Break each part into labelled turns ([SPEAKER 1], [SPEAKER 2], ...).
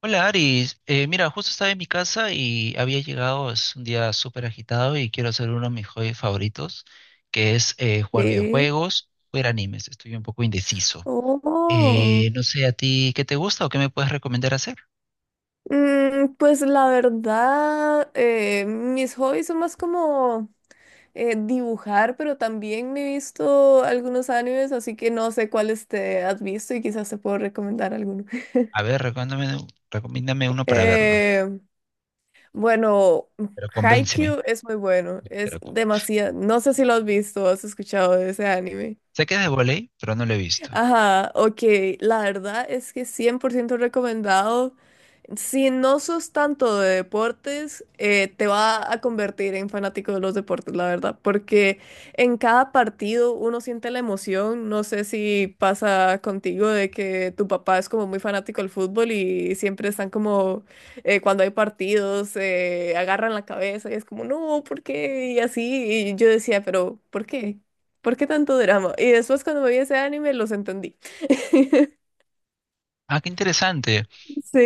[SPEAKER 1] Hola Aris. Mira, justo estaba en mi casa y había llegado, es un día súper agitado y quiero hacer uno de mis hobbies favoritos, que es jugar
[SPEAKER 2] Sí.
[SPEAKER 1] videojuegos, ver animes, estoy un poco indeciso.
[SPEAKER 2] Oh.
[SPEAKER 1] No sé a ti qué te gusta o qué me puedes recomendar hacer.
[SPEAKER 2] Pues la verdad, mis hobbies son más como dibujar, pero también me he visto algunos animes, así que no sé cuáles te has visto y quizás te puedo recomendar alguno.
[SPEAKER 1] A ver, recomiéndame, recomiéndame uno para verlo,
[SPEAKER 2] Eh, bueno,
[SPEAKER 1] pero convénceme.
[SPEAKER 2] Haikyuu es muy bueno, es
[SPEAKER 1] Pero con-
[SPEAKER 2] demasiado. No sé si lo has visto o has escuchado de ese anime.
[SPEAKER 1] Sé que es de voley, pero no lo he visto.
[SPEAKER 2] Ajá, ok, la verdad es que 100% recomendado. Si no sos tanto de deportes, te va a convertir en fanático de los deportes, la verdad, porque en cada partido uno siente la emoción. No sé si pasa contigo de que tu papá es como muy fanático del fútbol y siempre están como, cuando hay partidos, agarran la cabeza y es como, no, ¿por qué? Y así, y yo decía, pero ¿por qué? ¿Por qué tanto drama? Y después cuando me vi ese anime los entendí.
[SPEAKER 1] Ah, qué interesante.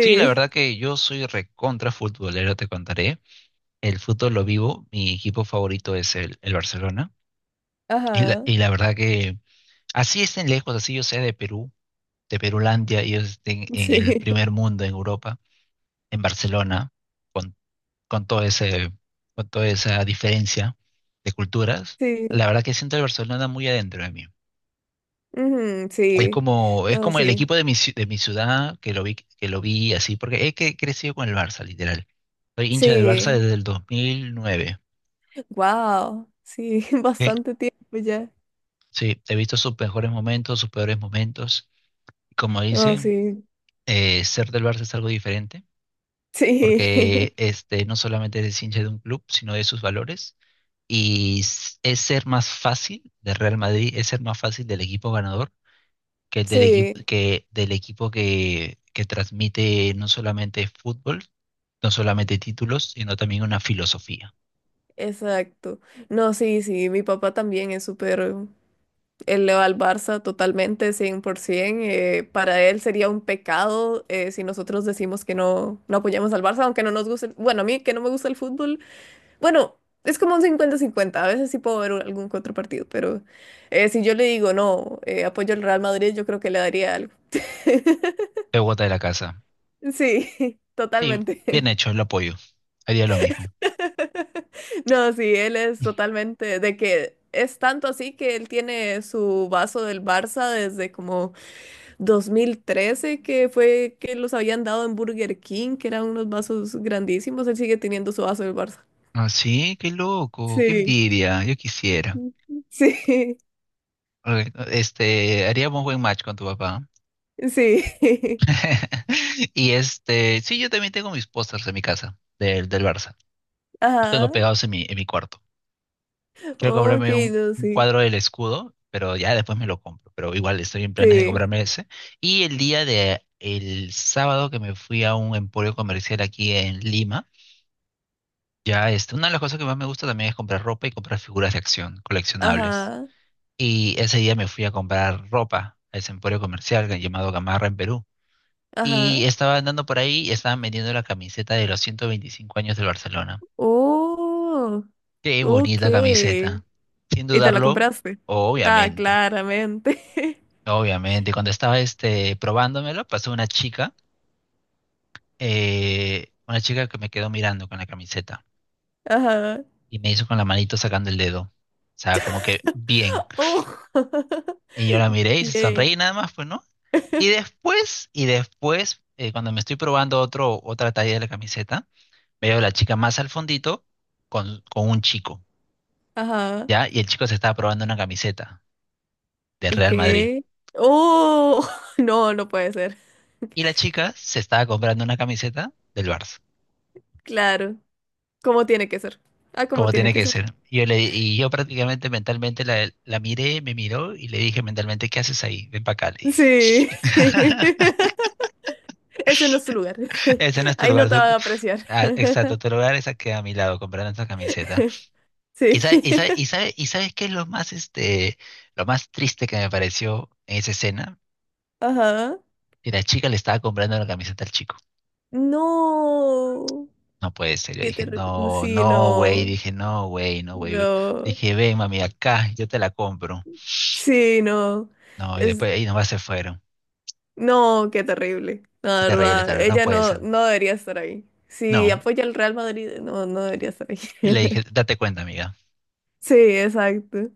[SPEAKER 1] Sí, la verdad que yo soy recontra futbolero, te contaré. El fútbol lo vivo, mi equipo favorito es el Barcelona.
[SPEAKER 2] ajá,
[SPEAKER 1] Y la verdad que así estén lejos, así yo sé, de Perú, de Perulandia, ellos estén en el
[SPEAKER 2] sí,
[SPEAKER 1] primer mundo, en Europa, en Barcelona, con todo ese, con toda esa diferencia de culturas,
[SPEAKER 2] sí,
[SPEAKER 1] la verdad que siento el Barcelona muy adentro de mí.
[SPEAKER 2] ujú, sí,
[SPEAKER 1] Es
[SPEAKER 2] no,
[SPEAKER 1] como el
[SPEAKER 2] sí,
[SPEAKER 1] equipo de de mi ciudad, que lo vi así, porque crecido con el Barça, literal. Soy hincha del Barça
[SPEAKER 2] sí,
[SPEAKER 1] desde el 2009.
[SPEAKER 2] wow, sí,
[SPEAKER 1] Sí,
[SPEAKER 2] bastante tiempo ya.
[SPEAKER 1] sí, he visto sus mejores momentos, sus peores momentos. Como
[SPEAKER 2] No,
[SPEAKER 1] dice,
[SPEAKER 2] sí,
[SPEAKER 1] ser del Barça es algo diferente,
[SPEAKER 2] sí,
[SPEAKER 1] porque este, no solamente es hincha de un club, sino de sus valores. Y es ser más fácil de Real Madrid, es ser más fácil del equipo ganador que el del equipo
[SPEAKER 2] sí,
[SPEAKER 1] que, del equipo que transmite no solamente fútbol, no solamente títulos, sino también una filosofía.
[SPEAKER 2] exacto. No, sí, sí, mi papá también es súper. Él le va al Barça totalmente, 100%. Para él sería un pecado si nosotros decimos que no, no apoyamos al Barça, aunque no nos guste. Bueno, a mí que no me gusta el fútbol. Bueno, es como un cincuenta-cincuenta. A veces sí puedo ver algún que otro partido, pero si yo le digo no, apoyo al Real Madrid, yo creo que le daría algo.
[SPEAKER 1] Pegota de la casa.
[SPEAKER 2] Sí,
[SPEAKER 1] Sí, bien
[SPEAKER 2] totalmente.
[SPEAKER 1] hecho, lo apoyo. Haría lo mismo.
[SPEAKER 2] No, sí, él es totalmente de que es tanto así que él tiene su vaso del Barça desde como 2013, que fue que los habían dado en Burger King, que eran unos vasos grandísimos. Él sigue teniendo su vaso del Barça.
[SPEAKER 1] Ah, sí, qué loco, qué
[SPEAKER 2] Sí,
[SPEAKER 1] envidia, yo quisiera.
[SPEAKER 2] sí,
[SPEAKER 1] Ok. Este, haríamos buen match con tu papá.
[SPEAKER 2] sí.
[SPEAKER 1] Y este, sí, yo también tengo mis pósters en mi casa del Barça. Los
[SPEAKER 2] Ajá.
[SPEAKER 1] tengo pegados en en mi cuarto. Quiero
[SPEAKER 2] Ok,
[SPEAKER 1] comprarme
[SPEAKER 2] no,
[SPEAKER 1] un
[SPEAKER 2] sí.
[SPEAKER 1] cuadro del escudo, pero ya después me lo compro. Pero igual estoy en planes de
[SPEAKER 2] Sí.
[SPEAKER 1] comprarme ese. Y el día de el sábado que me fui a un emporio comercial aquí en Lima, ya este, una de las cosas que más me gusta también es comprar ropa y comprar figuras de acción coleccionables.
[SPEAKER 2] Ajá.
[SPEAKER 1] Y ese día me fui a comprar ropa a ese emporio comercial llamado Gamarra, en Perú.
[SPEAKER 2] Ajá.
[SPEAKER 1] Y estaba andando por ahí y estaban vendiendo la camiseta de los 125 años del Barcelona.
[SPEAKER 2] Oh,
[SPEAKER 1] Qué
[SPEAKER 2] ok.
[SPEAKER 1] bonita camiseta. Sin
[SPEAKER 2] ¿Y te la
[SPEAKER 1] dudarlo,
[SPEAKER 2] compraste? Ah,
[SPEAKER 1] obviamente,
[SPEAKER 2] claramente.
[SPEAKER 1] obviamente. Cuando estaba este, probándomelo, pasó una chica que me quedó mirando con la camiseta
[SPEAKER 2] Ajá.
[SPEAKER 1] y me hizo con la manito sacando el dedo. O sea, como que bien.
[SPEAKER 2] Oh,
[SPEAKER 1] Y yo la miré y se
[SPEAKER 2] bien.
[SPEAKER 1] sonreí nada más, pues, ¿no? Y después, cuando me estoy probando otro, otra talla de la camiseta, veo a la chica más al fondito con un chico.
[SPEAKER 2] Ajá.
[SPEAKER 1] ¿Ya? Y el chico se estaba probando una camiseta del
[SPEAKER 2] Ok.
[SPEAKER 1] Real Madrid.
[SPEAKER 2] Oh, no, no puede ser.
[SPEAKER 1] Y la chica se estaba comprando una camiseta del Barça,
[SPEAKER 2] Claro. ¿Como tiene que ser? Ah, ¿como
[SPEAKER 1] como
[SPEAKER 2] tiene
[SPEAKER 1] tiene
[SPEAKER 2] que
[SPEAKER 1] que
[SPEAKER 2] ser?
[SPEAKER 1] ser. Y yo, y yo prácticamente mentalmente la miré, me miró y le dije mentalmente, ¿qué haces ahí? Ven para acá, le dije.
[SPEAKER 2] Sí. Ese no es tu lugar.
[SPEAKER 1] Ese no es tu
[SPEAKER 2] Ahí no
[SPEAKER 1] lugar.
[SPEAKER 2] te van a apreciar.
[SPEAKER 1] Ah, exacto, tu lugar es aquí a mi lado comprando esa camiseta. ¿Y,
[SPEAKER 2] Sí.
[SPEAKER 1] sabe- y sabes qué es lo más, este, lo más triste que me pareció en esa escena?
[SPEAKER 2] Ajá.
[SPEAKER 1] Que la chica le estaba comprando la camiseta al chico.
[SPEAKER 2] No.
[SPEAKER 1] No puede ser. Yo
[SPEAKER 2] Qué
[SPEAKER 1] dije,
[SPEAKER 2] terrible.
[SPEAKER 1] no,
[SPEAKER 2] Sí,
[SPEAKER 1] no, güey.
[SPEAKER 2] no.
[SPEAKER 1] Dije, no, güey, no, güey.
[SPEAKER 2] No.
[SPEAKER 1] Dije, ven, mami, acá, yo te la compro.
[SPEAKER 2] Sí, no.
[SPEAKER 1] No, y
[SPEAKER 2] Es.
[SPEAKER 1] después ahí nomás se fueron.
[SPEAKER 2] No, qué terrible. La
[SPEAKER 1] Terrible,
[SPEAKER 2] verdad.
[SPEAKER 1] terrible, no
[SPEAKER 2] Ella
[SPEAKER 1] puede
[SPEAKER 2] no,
[SPEAKER 1] ser.
[SPEAKER 2] no debería estar ahí. Si
[SPEAKER 1] No.
[SPEAKER 2] apoya al Real Madrid, no, no debería estar ahí.
[SPEAKER 1] Y le dije, date cuenta, amiga.
[SPEAKER 2] Sí, exacto.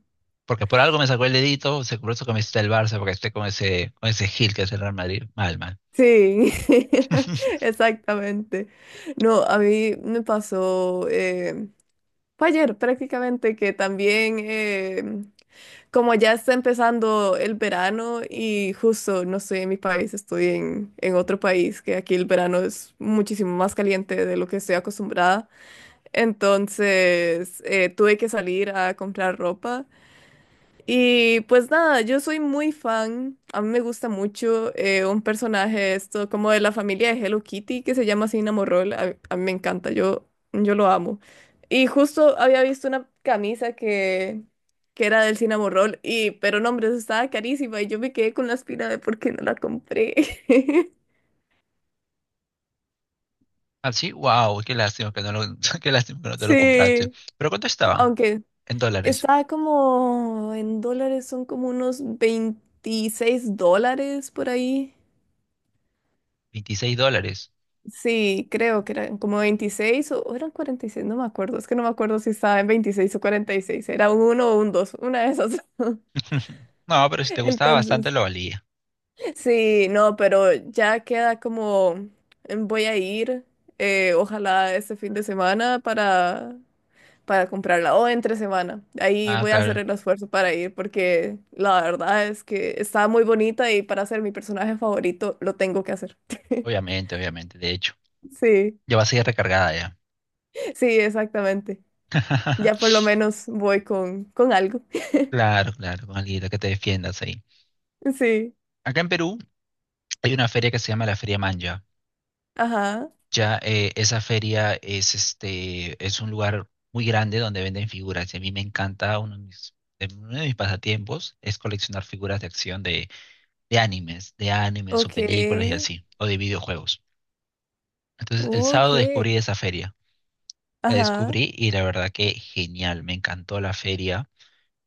[SPEAKER 1] Porque por algo me sacó el dedito, se compró su camiseta del Barça, porque esté con ese Gil que es el Real Madrid. Mal, mal.
[SPEAKER 2] Sí, exactamente. No, a mí me pasó, fue ayer prácticamente que también, como ya está empezando el verano y justo no estoy en mi país, estoy en otro país, que aquí el verano es muchísimo más caliente de lo que estoy acostumbrada. Entonces, tuve que salir a comprar ropa. Y pues nada, yo soy muy fan, a mí me gusta mucho un personaje de esto, como de la familia de Hello Kitty, que se llama Cinnamon Morroll, a mí me encanta, yo lo amo. Y justo había visto una camisa que era del Cinnamon Roll, y, pero no, hombre, eso estaba carísima y yo me quedé con la espina de por qué no la compré.
[SPEAKER 1] Así, wow, qué lástima que no lo, qué lástima que no te lo compraste.
[SPEAKER 2] Sí,
[SPEAKER 1] Pero ¿cuánto estaba?
[SPEAKER 2] aunque
[SPEAKER 1] En dólares.
[SPEAKER 2] estaba como en dólares, son como unos 26 dólares por ahí.
[SPEAKER 1] 26 dólares.
[SPEAKER 2] Sí, creo que eran como 26 o eran 46, no me acuerdo, es que no me acuerdo si estaba en 26 o 46, era un uno o un 2, una de esas.
[SPEAKER 1] No, pero si te gustaba bastante
[SPEAKER 2] Entonces,
[SPEAKER 1] lo valía.
[SPEAKER 2] sí, no, pero ya queda como, voy a ir, ojalá este fin de semana para, comprarla, o entre semana, ahí
[SPEAKER 1] Ah,
[SPEAKER 2] voy a hacer
[SPEAKER 1] claro,
[SPEAKER 2] el esfuerzo para ir, porque la verdad es que está muy bonita y para ser mi personaje favorito lo tengo que hacer.
[SPEAKER 1] obviamente, obviamente, de hecho.
[SPEAKER 2] Sí,
[SPEAKER 1] Ya vas a ir recargada ya.
[SPEAKER 2] sí, exactamente. Ya por lo menos voy con, algo.
[SPEAKER 1] Claro, claro, con alguien que te defiendas ahí.
[SPEAKER 2] Sí,
[SPEAKER 1] Acá en Perú hay una feria que se llama la Feria Manja.
[SPEAKER 2] ajá,
[SPEAKER 1] Ya, esa feria es este es un lugar muy grande donde venden figuras. Y a mí me encanta uno de uno de mis pasatiempos es coleccionar figuras de acción de animes o
[SPEAKER 2] ok,
[SPEAKER 1] películas y así, o de videojuegos. Entonces el
[SPEAKER 2] ok,
[SPEAKER 1] sábado descubrí esa feria. La
[SPEAKER 2] ajá,
[SPEAKER 1] descubrí y la verdad que genial, me encantó la feria.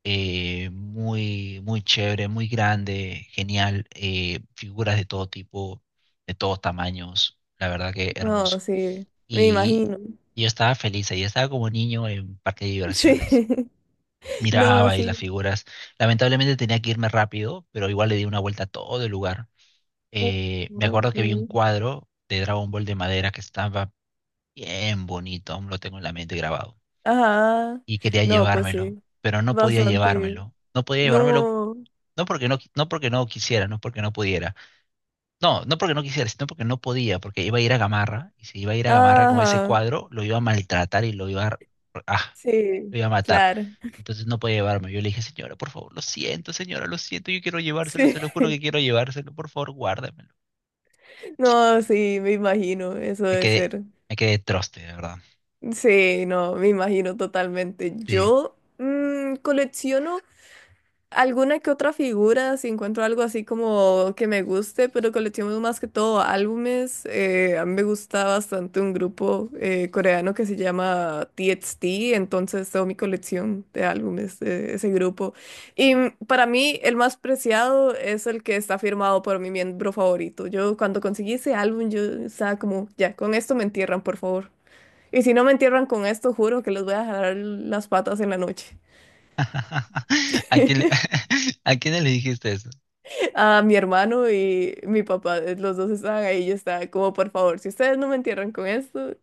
[SPEAKER 1] Muy, muy chévere, muy grande, genial, figuras de todo tipo, de todos tamaños, la verdad que hermoso.
[SPEAKER 2] no, sí, me
[SPEAKER 1] Y
[SPEAKER 2] imagino,
[SPEAKER 1] yo estaba feliz ahí, estaba como niño en parque de
[SPEAKER 2] sí,
[SPEAKER 1] diversiones.
[SPEAKER 2] no,
[SPEAKER 1] Miraba ahí
[SPEAKER 2] sí,
[SPEAKER 1] las figuras. Lamentablemente tenía que irme rápido, pero igual le di una vuelta a todo el lugar.
[SPEAKER 2] Ok.
[SPEAKER 1] Me acuerdo que vi un cuadro de Dragon Ball de madera que estaba bien bonito, aún lo tengo en la mente grabado.
[SPEAKER 2] Ajá,
[SPEAKER 1] Y quería
[SPEAKER 2] no, pues
[SPEAKER 1] llevármelo,
[SPEAKER 2] sí,
[SPEAKER 1] pero no podía
[SPEAKER 2] bastante,
[SPEAKER 1] llevármelo. No podía llevármelo.
[SPEAKER 2] no,
[SPEAKER 1] No porque no quisiera, no porque no pudiera. No, no porque no quisiera, sino porque no podía, porque iba a ir a Gamarra, y si iba a ir a Gamarra con ese
[SPEAKER 2] ajá,
[SPEAKER 1] cuadro, lo iba a maltratar y ah,
[SPEAKER 2] sí,
[SPEAKER 1] lo iba a matar.
[SPEAKER 2] claro,
[SPEAKER 1] Entonces no podía llevarme. Yo le dije, señora, por favor, lo siento, señora, lo siento, yo quiero llevárselo,
[SPEAKER 2] sí,
[SPEAKER 1] se lo juro que quiero llevárselo, por favor, guárdamelo.
[SPEAKER 2] no, sí, me imagino, eso
[SPEAKER 1] Me
[SPEAKER 2] debe
[SPEAKER 1] quedé,
[SPEAKER 2] ser,
[SPEAKER 1] me quedé troste, de verdad.
[SPEAKER 2] sí, no, me imagino totalmente,
[SPEAKER 1] Sí.
[SPEAKER 2] yo colecciono alguna que otra figura, si encuentro algo así como que me guste, pero colecciono más que todo álbumes. A mí me gusta bastante un grupo coreano que se llama TXT, entonces tengo mi colección de álbumes de ese grupo. Para mí el más preciado es el que está firmado por mi miembro favorito. Yo cuando conseguí ese álbum, yo estaba como, ya, con esto me entierran, por favor. Y si no me entierran con esto, juro que les voy a jalar las patas en la noche.
[SPEAKER 1] ¿A quién a quién le dijiste eso?
[SPEAKER 2] A mi hermano y mi papá, los dos estaban ahí, yo estaba como, por favor, si ustedes no me entierran con esto,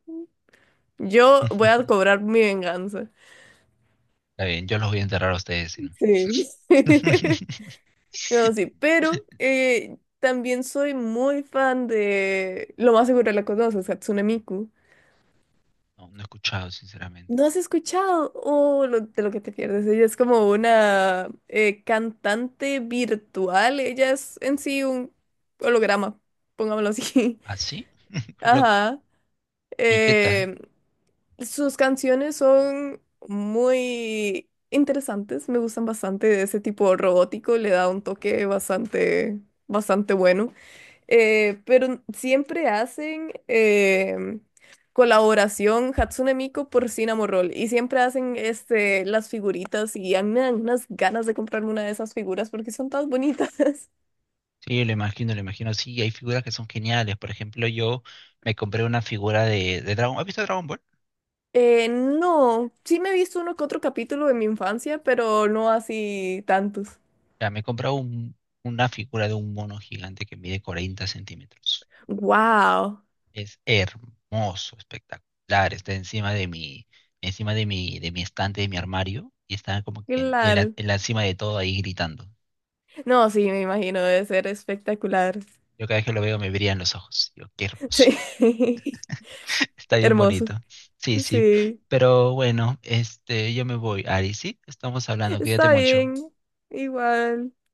[SPEAKER 2] yo voy a cobrar mi venganza.
[SPEAKER 1] Está bien, yo los voy a enterrar a ustedes, si no.
[SPEAKER 2] Sí. No, sí, pero también soy muy fan de, lo más seguro la conoces, Hatsune Miku.
[SPEAKER 1] No, no he escuchado, sinceramente.
[SPEAKER 2] ¿No has escuchado? Oh, de lo que te pierdes. Ella es como una cantante virtual. Ella es en sí un holograma, pongámoslo así.
[SPEAKER 1] ¿Así? Loco.
[SPEAKER 2] Ajá.
[SPEAKER 1] ¿Y qué tal?
[SPEAKER 2] Eh, sus canciones son muy interesantes, me gustan bastante de ese tipo robótico, le da un toque bastante, bastante bueno. Pero siempre hacen colaboración Hatsune Miku por Cinnamon Roll y siempre hacen este, las figuritas y a mí me dan unas ganas de comprarme una de esas figuras porque son tan bonitas.
[SPEAKER 1] Sí, lo imagino, lo imagino. Sí, hay figuras que son geniales. Por ejemplo, yo me compré una figura de Dragon. ¿Has visto Dragon Ball?
[SPEAKER 2] No, sí me he visto uno que otro capítulo de mi infancia, pero no así tantos.
[SPEAKER 1] Ya, me he una figura de un mono gigante que mide 40 centímetros.
[SPEAKER 2] Wow,
[SPEAKER 1] Es hermoso, espectacular. Está encima de encima de de mi estante, de mi armario, y está como que en
[SPEAKER 2] claro.
[SPEAKER 1] en la cima de todo ahí gritando.
[SPEAKER 2] No, sí, me imagino, debe ser espectacular.
[SPEAKER 1] Yo cada vez que lo veo me brillan los ojos. Yo, qué hermoso.
[SPEAKER 2] Sí,
[SPEAKER 1] Está bien
[SPEAKER 2] hermoso.
[SPEAKER 1] bonito. Sí, sí.
[SPEAKER 2] Sí,
[SPEAKER 1] Pero bueno, este, yo me voy, Ari, ¿sí? Estamos hablando, cuídate
[SPEAKER 2] está
[SPEAKER 1] mucho.
[SPEAKER 2] bien, igual.